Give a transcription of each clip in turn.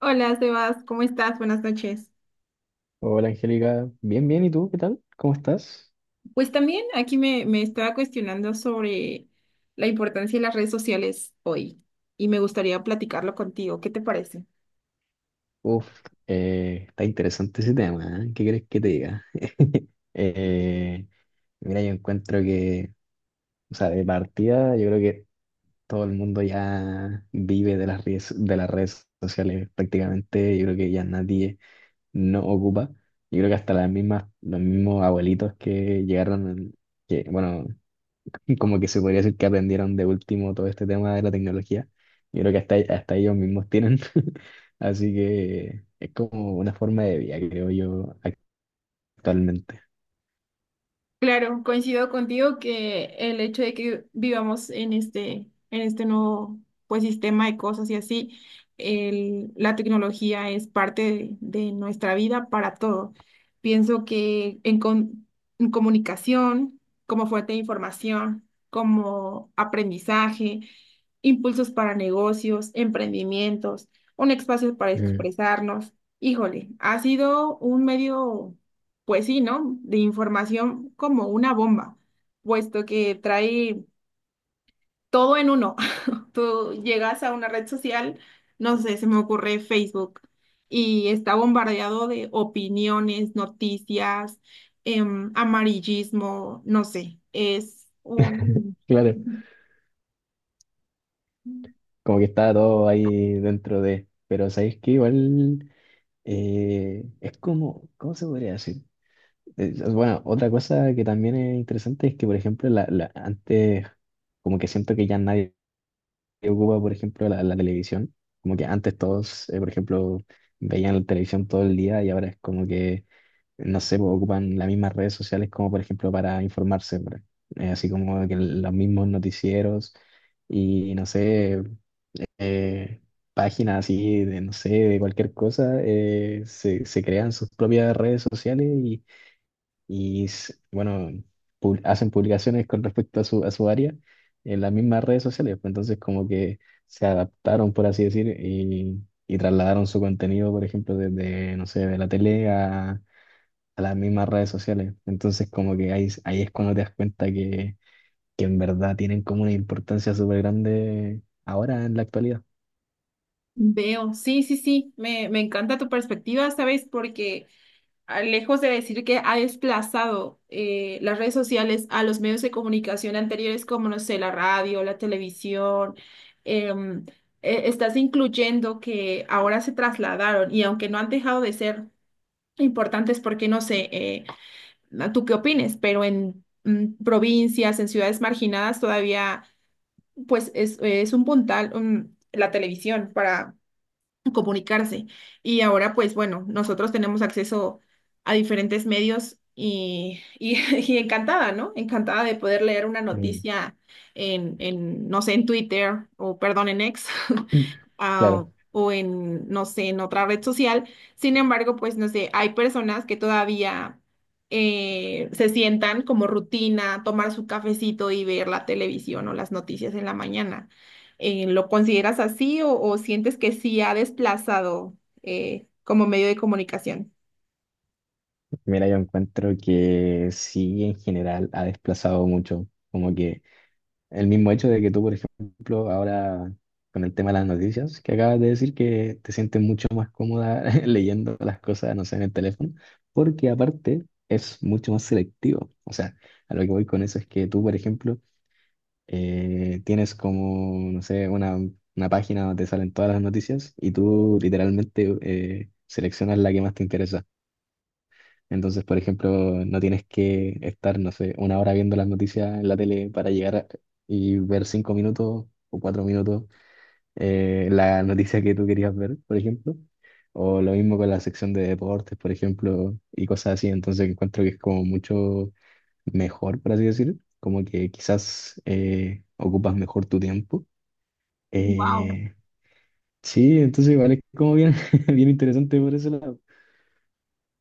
Hola, Sebas, ¿cómo estás? Buenas noches. Hola Angélica, bien, bien, ¿y tú qué tal? ¿Cómo estás? Pues también aquí me estaba cuestionando sobre la importancia de las redes sociales hoy y me gustaría platicarlo contigo. ¿Qué te parece? Uf, está interesante ese tema, ¿eh? ¿Qué crees que te diga? Eh, mira, yo encuentro que, o sea, de partida, yo creo que todo el mundo ya vive de las redes sociales prácticamente, yo creo que ya nadie no ocupa, yo creo que hasta las mismas, los mismos abuelitos que llegaron, que, bueno, y como que se podría decir que aprendieron de último todo este tema de la tecnología. Yo creo que hasta ellos mismos tienen. Así que es como una forma de vida, creo yo, actualmente. Claro, coincido contigo que el hecho de que vivamos en este nuevo pues, sistema de cosas y así, la tecnología es parte de nuestra vida para todo. Pienso que en comunicación, como fuente de información, como aprendizaje, impulsos para negocios, emprendimientos, un espacio para Mm. expresarnos. Híjole, ha sido un medio pues sí, ¿no? De información como una bomba, puesto que trae todo en uno. Tú llegas a una red social, no sé, se me ocurre Facebook, y está bombardeado de opiniones, noticias, amarillismo, no sé, es un... Claro, como que está todo ahí dentro de, pero sabéis que igual es como, ¿cómo se podría decir? Bueno, otra cosa que también es interesante es que, por ejemplo, antes como que siento que ya nadie que ocupa, por ejemplo, la televisión. Como que antes todos, por ejemplo, veían la televisión todo el día y ahora es como que, no sé, pues, ocupan las mismas redes sociales como, por ejemplo, para informarse, así como que los mismos noticieros y, no sé, eh, páginas así de, no sé, de cualquier cosa, se crean sus propias redes sociales y bueno, hacen publicaciones con respecto a a su área en las mismas redes sociales. Pues, entonces como que se adaptaron, por así decir, y trasladaron su contenido, por ejemplo, desde, no sé, de la tele a las mismas redes sociales. Entonces como que ahí, ahí es cuando te das cuenta que en verdad tienen como una importancia súper grande ahora en la actualidad. Veo, sí, sí, sí, me encanta tu perspectiva, ¿sabes? Porque lejos de decir que ha desplazado las redes sociales a los medios de comunicación anteriores, como, no sé, la radio, la televisión, em, estás incluyendo que ahora se trasladaron y aunque no han dejado de ser importantes, porque no sé, ¿tú qué opines? Pero en provincias, en ciudades marginadas, todavía, pues es un puntal, la televisión para comunicarse. Y ahora, pues bueno, nosotros tenemos acceso a diferentes medios y y encantada, ¿no? Encantada de poder leer una Mm. noticia en, no sé, en Twitter o, perdón, en X. ah, Claro, o en, no sé, en otra red social. Sin embargo, pues no sé, hay personas que todavía se sientan como rutina tomar su cafecito y ver la televisión o las noticias en la mañana. ¿Lo consideras así o sientes que sí ha desplazado como medio de comunicación? mira, yo encuentro que sí, en general ha desplazado mucho, como que el mismo hecho de que tú, por ejemplo, ahora con el tema de las noticias, que acabas de decir que te sientes mucho más cómoda leyendo las cosas, no sé, en el teléfono, porque aparte es mucho más selectivo. O sea, a lo que voy con eso es que tú, por ejemplo, tienes como, no sé, una página donde te salen todas las noticias y tú literalmente seleccionas la que más te interesa. Entonces, por ejemplo, no tienes que estar, no sé, una hora viendo las noticias en la tele para y ver cinco minutos o cuatro minutos la noticia que tú querías ver, por ejemplo. O lo mismo con la sección de deportes, por ejemplo, y cosas así. Entonces, encuentro que es como mucho mejor, por así decir. Como que quizás ocupas mejor tu tiempo. Wow. Eh, sí, entonces igual es como bien, bien interesante por ese lado.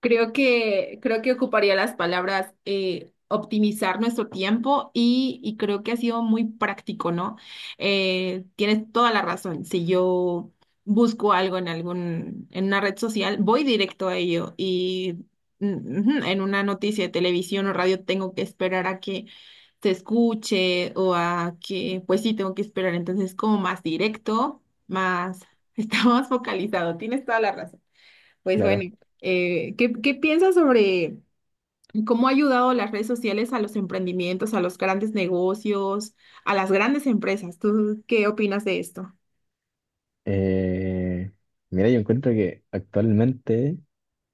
Creo que ocuparía las palabras optimizar nuestro tiempo y creo que ha sido muy práctico, ¿no? Tienes toda la razón. Si yo busco algo en algún, en una red social, voy directo a ello y ujú, en una noticia de televisión o radio tengo que esperar a que se escuche o a que, pues sí, tengo que esperar. Entonces, como más directo, más, está más focalizado. Tienes toda la razón. Pues bueno, Claro. ¿Qué, qué piensas sobre cómo ha ayudado las redes sociales a los emprendimientos, a los grandes negocios, a las grandes empresas? ¿Tú qué opinas de esto? Eh, Mira, yo encuentro que actualmente,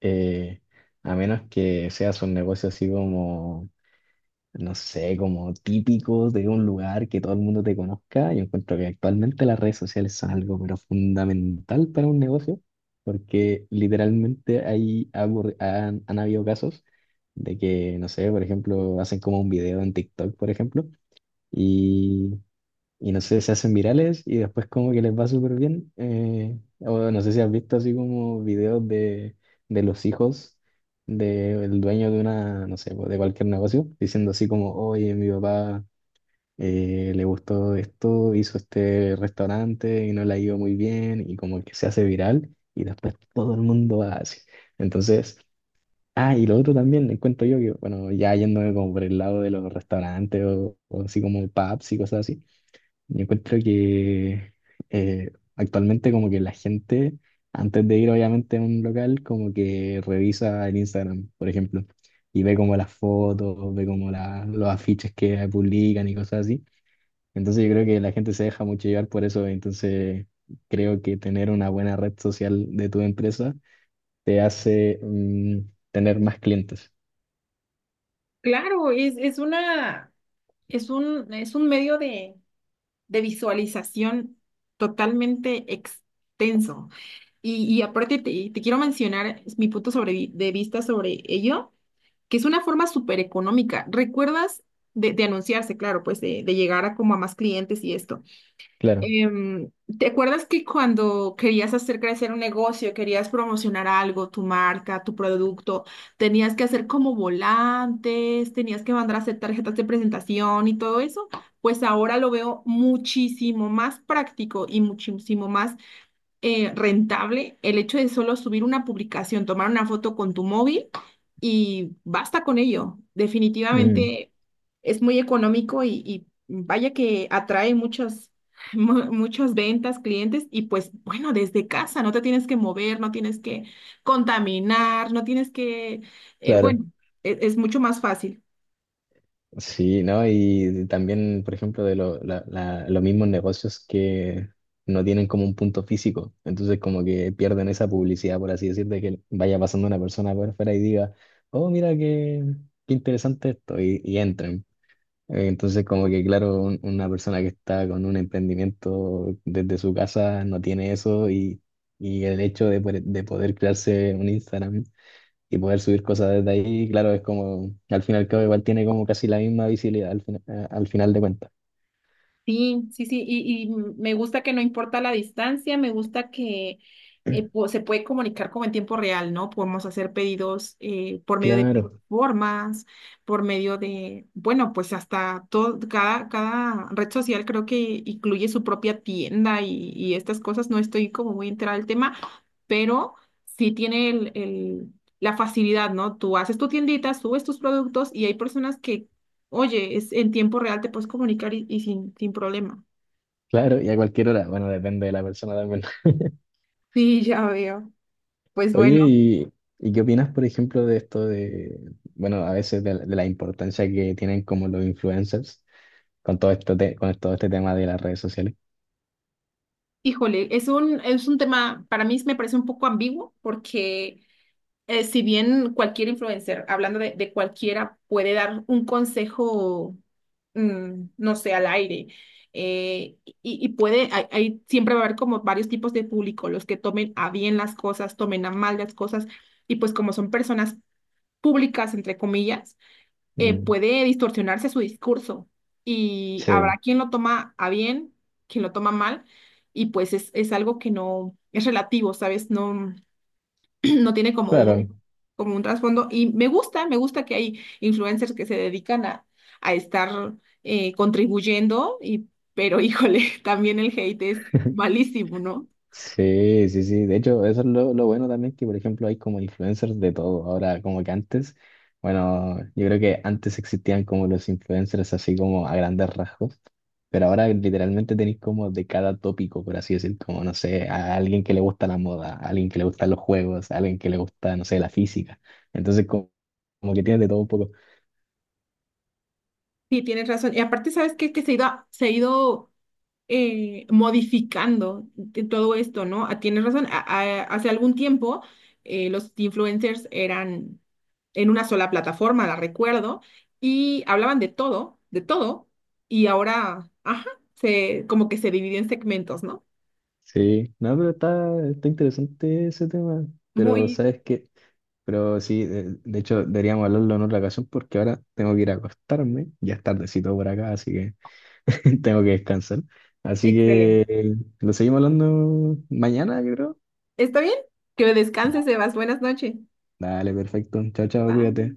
eh, a menos que seas un negocio así como, no sé, como típico de un lugar que todo el mundo te conozca, yo encuentro que actualmente las redes sociales son algo pero fundamental para un negocio, porque literalmente hay, ha ocurri- han, han habido casos de que, no sé, por ejemplo, hacen como un video en TikTok, por ejemplo y no sé, se hacen virales y después como que les va súper bien. Eh, o no sé si has visto así como videos de los hijos del dueño de una, no sé, pues, de cualquier negocio, diciendo así como, oye, mi papá le gustó esto, hizo este restaurante y no le ha ido muy bien y como que se hace viral y después todo el mundo va así. Entonces... Ah, y lo otro también, encuentro yo que, bueno, ya yéndome como por el lado de los restaurantes o así como pubs y cosas así, yo encuentro que actualmente como que la gente, antes de ir obviamente a un local, como que revisa el Instagram, por ejemplo, y ve como las fotos, ve como los afiches que publican y cosas así. Entonces yo creo que la gente se deja mucho llevar por eso, entonces creo que tener una buena red social de tu empresa te hace mm, tener más clientes. Claro, es una, es un medio de visualización totalmente extenso. Y aparte te, te quiero mencionar mi punto sobre, de vista sobre ello, que es una forma súper económica. ¿Recuerdas de anunciarse, claro, pues de llegar a como a más clientes y esto? Claro, Em, ¿Te acuerdas que cuando querías hacer crecer un negocio, querías promocionar algo, tu marca, tu producto, tenías que hacer como volantes, tenías que mandar a hacer tarjetas de presentación y todo eso? Pues ahora lo veo muchísimo más práctico y muchísimo más rentable el hecho de solo subir una publicación, tomar una foto con tu móvil y basta con ello. mm, Definitivamente es muy económico y vaya que atrae muchas, muchas ventas, clientes y pues bueno, desde casa no te tienes que mover, no tienes que contaminar, no tienes que, claro. bueno, es mucho más fácil. Sí, ¿no? Y también, por ejemplo, de los mismos negocios que no tienen como un punto físico. Entonces, como que pierden esa publicidad, por así decir, de que vaya pasando una persona por fuera y diga, oh, mira qué, qué interesante esto, y entren. Entonces, como que, claro, una persona que está con un emprendimiento desde su casa no tiene eso y el hecho de, de poder crearse un Instagram y poder subir cosas desde ahí, claro, es como, al fin y al cabo igual tiene como casi la misma visibilidad al final de cuentas. Sí, sí, sí, y me gusta que no importa la distancia, me gusta que se puede comunicar como en tiempo real, ¿no? Podemos hacer pedidos por medio de Claro, plataformas, por medio de, bueno, pues hasta todo, cada, cada red social creo que incluye su propia tienda y estas cosas, no estoy como muy enterada del tema, pero sí tiene la facilidad, ¿no? Tú haces tu tiendita, subes tus productos y hay personas. Oye, es, en tiempo real te puedes comunicar y sin, sin problema. claro, y a cualquier hora, bueno, depende de la persona también. Sí, ya veo. Pues Oye, bueno, ¿y qué opinas, por ejemplo, de esto de, bueno, a veces de la importancia que tienen como los influencers con todo esto con todo este tema de las redes sociales? híjole, es un tema, para mí me parece un poco ambiguo porque si bien cualquier influencer, hablando de cualquiera, puede dar un consejo, no sé, al aire, y puede, hay, siempre va a haber como varios tipos de público, los que tomen a bien las cosas, tomen a mal las cosas, y pues como son personas públicas, entre comillas, Mm, puede distorsionarse su discurso y habrá sí, quien lo toma a bien, quien lo toma mal, y pues es algo que no es relativo, ¿sabes? No, no tiene claro. Como un trasfondo. Y me gusta que hay influencers que se dedican a estar contribuyendo, y, pero híjole, también el hate es malísimo, ¿no? Sí, sí, sí. De hecho, eso es lo bueno también, que por ejemplo hay como influencers de todo. Ahora, como que antes, bueno, yo creo que antes existían como los influencers así como a grandes rasgos, pero ahora literalmente tenéis como de cada tópico, por así decir, como, no sé, a alguien que le gusta la moda, a alguien que le gustan los juegos, a alguien que le gusta, no sé, la física. Entonces, como que tienes de todo un poco. Sí, tienes razón. Y aparte, ¿sabes qué? Que se ha ido modificando de todo esto, ¿no? Ah, tienes razón, hace algún tiempo los influencers eran en una sola plataforma, la recuerdo, y hablaban de todo, y ahora, ajá, se, como que se dividió en segmentos, ¿no? Sí, no, pero está, está interesante ese tema. Pero, Muy ¿sabes qué? Pero sí, de hecho deberíamos hablarlo en otra ocasión porque ahora tengo que ir a acostarme, ya es tardecito por acá, así que tengo que descansar. Así excelente. que lo seguimos hablando mañana, yo creo. ¿Está bien? Que Ya, descanses, Sebas. Buenas noches. dale, perfecto. Chao, chao, Bye. cuídate.